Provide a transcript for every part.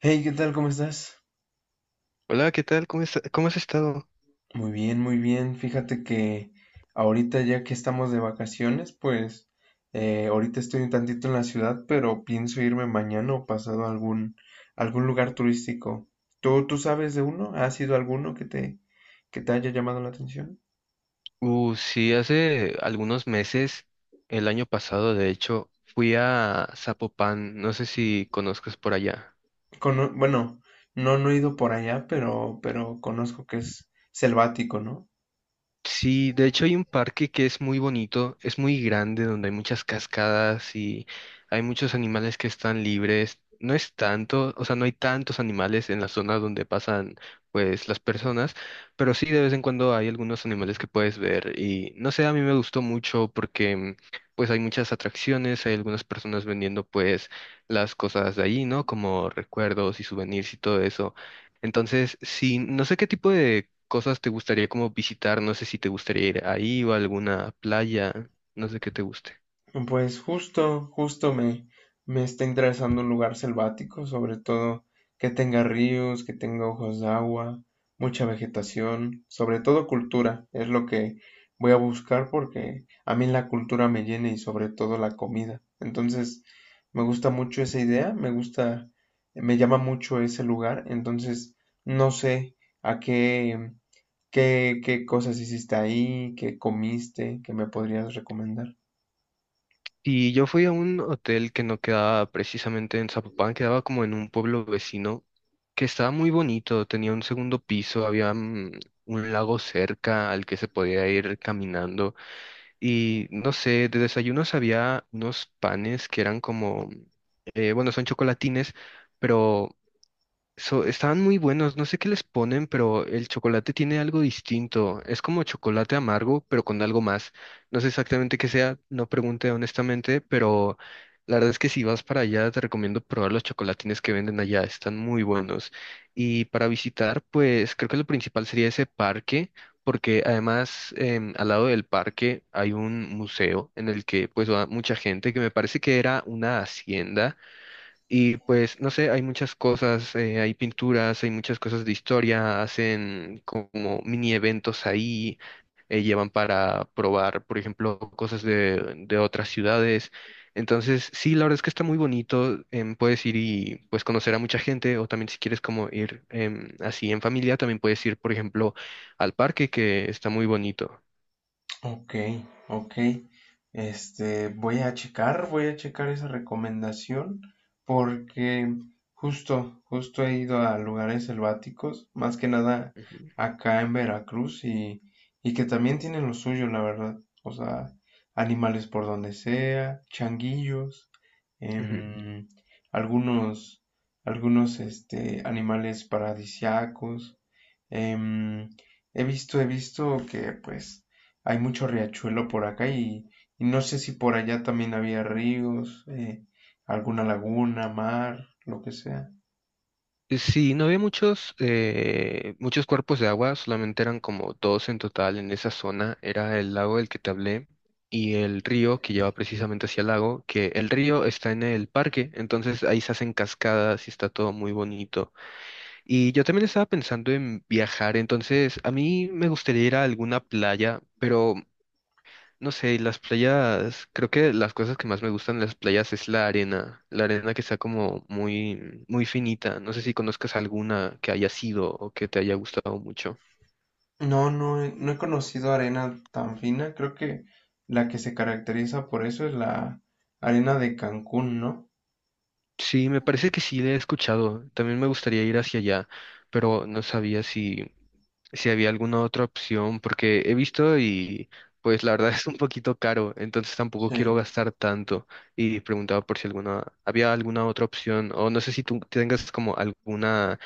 Hey, ¿qué tal? ¿Cómo estás? Hola, ¿qué tal? ¿Cómo has estado? Muy bien, muy bien. Fíjate que ahorita ya que estamos de vacaciones, pues ahorita estoy un tantito en la ciudad, pero pienso irme mañana o pasado a algún lugar turístico. ¿Tú sabes de uno? ¿Has ido a alguno que que te haya llamado la atención? Sí, hace algunos meses, el año pasado, de hecho, fui a Zapopan, no sé si conozcas por allá. Bueno, no, no he ido por allá, pero conozco que es selvático, ¿no? Sí, de hecho hay un parque que es muy bonito, es muy grande, donde hay muchas cascadas y hay muchos animales que están libres. No es tanto, o sea, no hay tantos animales en la zona donde pasan, pues, las personas, pero sí de vez en cuando hay algunos animales que puedes ver y no sé, a mí me gustó mucho porque, pues, hay muchas atracciones, hay algunas personas vendiendo, pues, las cosas de allí, ¿no? Como recuerdos y souvenirs y todo eso. Entonces, sí, no sé qué tipo de cosas te gustaría como visitar, no sé si te gustaría ir ahí o a alguna playa, no sé qué te guste. Pues justo me está interesando un lugar selvático, sobre todo que tenga ríos, que tenga ojos de agua, mucha vegetación, sobre todo cultura, es lo que voy a buscar porque a mí la cultura me llena y sobre todo la comida. Entonces, me gusta mucho esa idea, me gusta, me llama mucho ese lugar, entonces no sé a qué cosas hiciste ahí, qué comiste, qué me podrías recomendar. Y yo fui a un hotel que no quedaba precisamente en Zapopan, quedaba como en un pueblo vecino que estaba muy bonito, tenía un segundo piso, había un lago cerca al que se podía ir caminando y no sé, de desayunos había unos panes que eran como, bueno, son chocolatines, pero estaban muy buenos, no sé qué les ponen, pero el chocolate tiene algo distinto. Es como chocolate amargo, pero con algo más. No sé exactamente qué sea, no pregunté honestamente, pero la verdad es que si vas para allá, te recomiendo probar los chocolatines que venden allá, están muy buenos. Y para visitar, pues creo que lo principal sería ese parque, porque además al lado del parque hay un museo en el que pues va mucha gente, que me parece que era una hacienda y pues, no sé, hay muchas cosas, hay pinturas, hay muchas cosas de historia, hacen como mini eventos ahí, llevan para probar, por ejemplo, cosas de otras ciudades. Entonces, sí, la verdad es que está muy bonito, puedes ir y pues conocer a mucha gente, o también si quieres como ir así en familia, también puedes ir, por ejemplo, al parque, que está muy bonito. Ok, ok. Este, voy a checar esa recomendación porque justo he ido a lugares selváticos, más que nada acá en Veracruz y que también tienen lo suyo, la verdad. O sea, animales por donde sea, changuillos, Ujú. em, algunos, algunos, este, animales paradisiacos. em, He visto que pues hay mucho riachuelo por acá y no sé si por allá también había ríos, alguna laguna, mar, lo que sea. Sí, no había muchos, muchos cuerpos de agua, solamente eran como dos en total en esa zona. Era el lago del que te hablé y el río que lleva precisamente hacia el lago, que el río está en el parque, entonces ahí se hacen cascadas y está todo muy bonito. Y yo también estaba pensando en viajar, entonces a mí me gustaría ir a alguna playa, pero no sé, y las playas, creo que las cosas que más me gustan de las playas es la arena que está como muy, muy finita. No sé si conozcas alguna que haya sido o que te haya gustado mucho. No, no, no he conocido arena tan fina. Creo que la que se caracteriza por eso es la arena de Cancún, ¿no? Sí, me parece que sí le he escuchado. También me gustaría ir hacia allá, pero no sabía si había alguna otra opción, porque he visto y pues la verdad es un poquito caro, entonces tampoco quiero Sí. gastar tanto. Y preguntaba por si alguna, había alguna otra opción, o no sé si tú tengas como alguna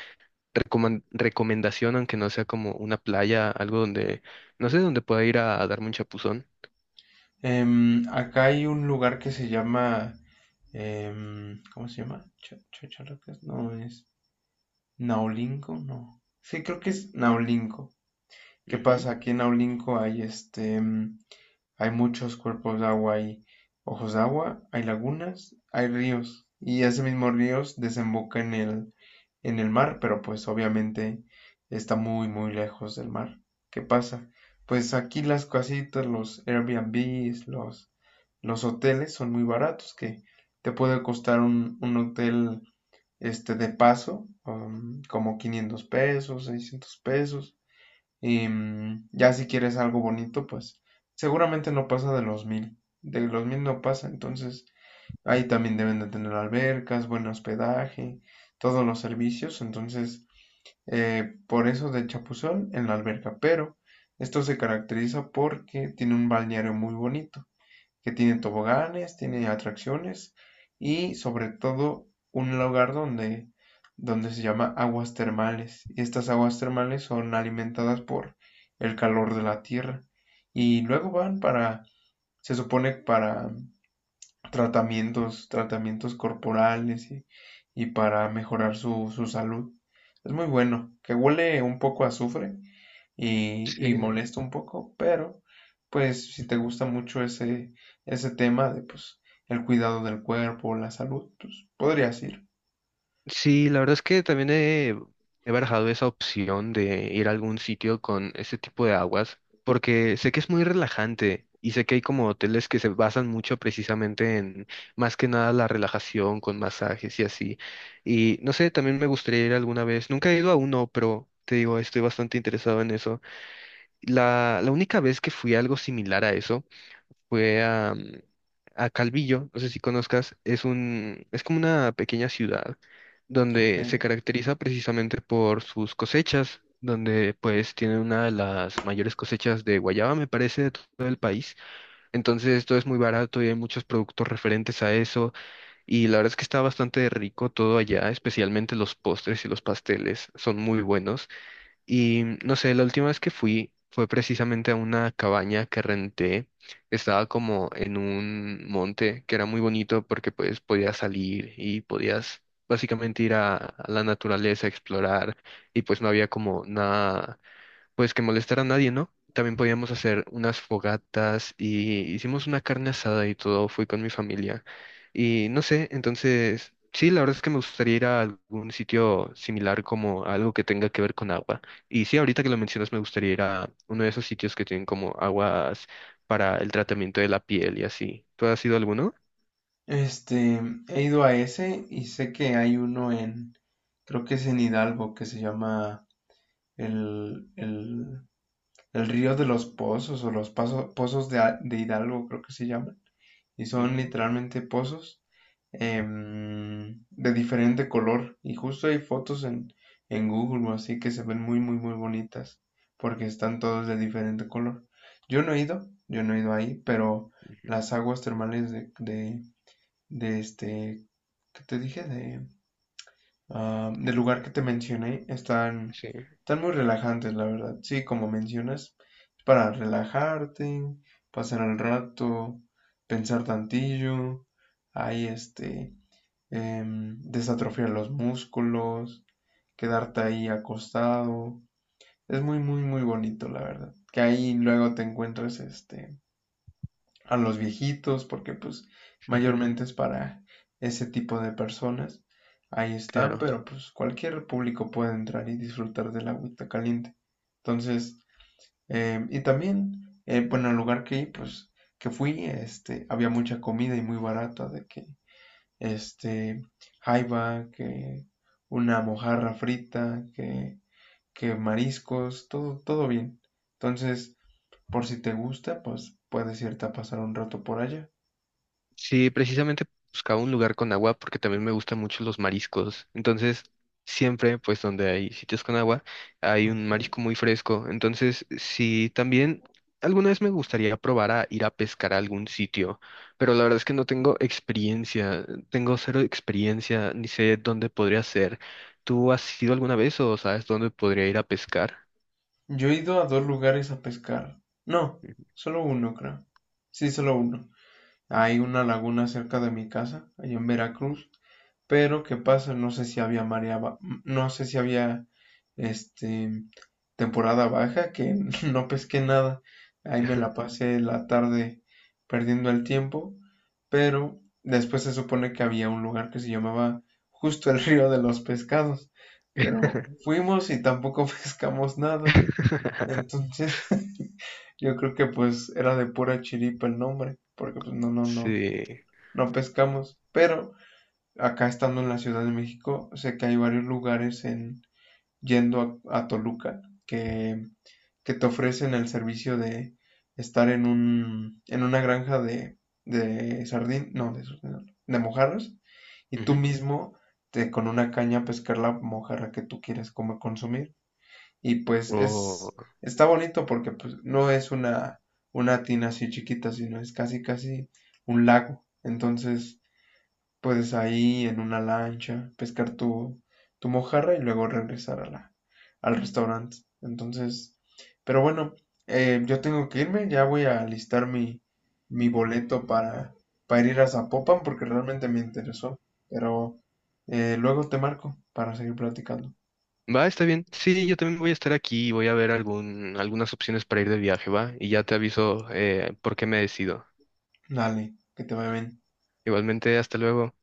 recomendación, aunque no sea como una playa, algo donde, no sé, donde pueda ir a darme un chapuzón. Acá hay un lugar que se llama, ¿cómo se llama? Chachalacas, no es Naolinco, no. Sí, creo que es Naolinco. ¿Qué Ujú. pasa? Aquí en Naolinco hay muchos cuerpos de agua, hay ojos de agua, hay lagunas, hay ríos. Y ese mismo ríos desemboca en el mar, pero pues obviamente está muy, muy lejos del mar. ¿Qué pasa? Pues aquí las casitas, los Airbnbs, los hoteles son muy baratos, que te puede costar un hotel este de paso, como $500, $600. Ya si quieres algo bonito, pues seguramente no pasa de los 1,000. De los mil no pasa, entonces ahí también deben de tener albercas, buen hospedaje, todos los servicios. Entonces, por eso de Chapuzón en la alberca. Pero esto se caracteriza porque tiene un balneario muy bonito que tiene toboganes, tiene atracciones y sobre todo un lugar donde se llama aguas termales. Y estas aguas termales son alimentadas por el calor de la tierra y luego van para, se supone para tratamientos corporales y para mejorar su salud. Es muy bueno, que huele un poco a azufre, y Sí. molesta un poco, pero pues si te gusta mucho ese tema de pues el cuidado del cuerpo, la salud, pues podrías ir. Sí, la verdad es que también he barajado esa opción de ir a algún sitio con este tipo de aguas, porque sé que es muy relajante y sé que hay como hoteles que se basan mucho precisamente en más que nada la relajación con masajes y así. Y no sé, también me gustaría ir alguna vez. Nunca he ido a uno, pero te digo, estoy bastante interesado en eso. La única vez que fui a algo similar a eso fue a, a Calvillo, no sé si conozcas, es como una pequeña ciudad Ok. donde se caracteriza precisamente por sus cosechas, donde pues tienen una de las mayores cosechas de guayaba, me parece, de todo el país. Entonces esto es muy barato y hay muchos productos referentes a eso y la verdad es que está bastante rico todo allá, especialmente los postres y los pasteles son muy buenos. Y no sé, la última vez que fui fue precisamente a una cabaña que renté. Estaba como en un monte que era muy bonito porque pues podías salir y podías básicamente ir a la naturaleza a explorar y pues no había como nada pues que molestar a nadie, ¿no? También podíamos hacer unas fogatas y hicimos una carne asada y todo, fui con mi familia. Y no sé, entonces, sí, la verdad es que me gustaría ir a algún sitio similar como algo que tenga que ver con agua. Y sí, ahorita que lo mencionas, me gustaría ir a uno de esos sitios que tienen como aguas para el tratamiento de la piel y así. ¿Tú has ido a alguno? Este, he ido a ese y sé que hay uno en, creo que es en Hidalgo, que se llama el, el, el Río de los Pozos o los Pozos de, de Hidalgo, creo que se llama. Y son Ujú, literalmente pozos de diferente color. Y justo hay fotos en Google así que se ven muy, muy, muy bonitas porque están todos de diferente color. Yo no he ido, yo no he ido ahí, pero las aguas termales de este, ¿qué te dije? Del lugar que te mencioné Sí, están muy relajantes, la verdad. Sí, como mencionas, es para relajarte, pasar el rato, pensar tantillo, ahí este, desatrofiar los músculos, quedarte ahí acostado. Es muy, muy, muy bonito, la verdad. Que ahí luego te encuentres este a los viejitos, porque pues mayormente es para ese tipo de personas. Ahí están, claro. pero pues cualquier público puede entrar y disfrutar del agüita caliente. Entonces, y también, bueno, el lugar que, pues, que fui, este, había mucha comida y muy barata, de que, este, jaiba, que una mojarra frita, que mariscos, todo, todo bien. Entonces, por si te gusta, pues puedes irte a pasar un rato por allá. Sí, precisamente buscaba un lugar con agua porque también me gustan mucho los mariscos. Entonces, siempre, pues donde hay sitios con agua, hay un marisco muy fresco. Entonces, sí, también alguna vez me gustaría probar a ir a pescar a algún sitio, pero la verdad es que no tengo experiencia, tengo cero experiencia, ni sé dónde podría ser. ¿Tú has ido alguna vez o sabes dónde podría ir a pescar? Yo he ido a dos lugares a pescar. No, solo uno, creo. Sí, solo uno. Hay una laguna cerca de mi casa, allá en Veracruz. Pero, ¿qué pasa? No sé si había marea, no sé si había, este, temporada baja, que no pesqué nada. Ahí me la pasé la tarde perdiendo el tiempo. Pero después se supone que había un lugar que se llamaba justo el río de los pescados. Pero fuimos y tampoco pescamos nada. Entonces, yo creo que pues era de pura chiripa el nombre, porque pues no, Sí. no pescamos. Pero acá estando en la Ciudad de México, sé que hay varios lugares en yendo a Toluca que, que te ofrecen el servicio de estar en una granja de sardín, no, de, sardín, no, de mojarras, y tú Ujú. mismo con una caña pescar la mojarra que tú quieres como consumir. Y pues O- es, está bonito porque pues, no es una tina así chiquita, sino es casi, casi un lago. Entonces puedes ahí en una lancha pescar tu mojarra y luego regresar al restaurante. Entonces, pero bueno, yo tengo que irme, ya voy a listar mi boleto para ir a Zapopan porque realmente me interesó. Pero luego te marco para seguir platicando. Va, está bien. Sí, yo también voy a estar aquí y voy a ver algún, algunas opciones para ir de viaje, ¿va? Y ya te aviso por qué me decido. Dale, que te vaya bien. Igualmente, hasta luego.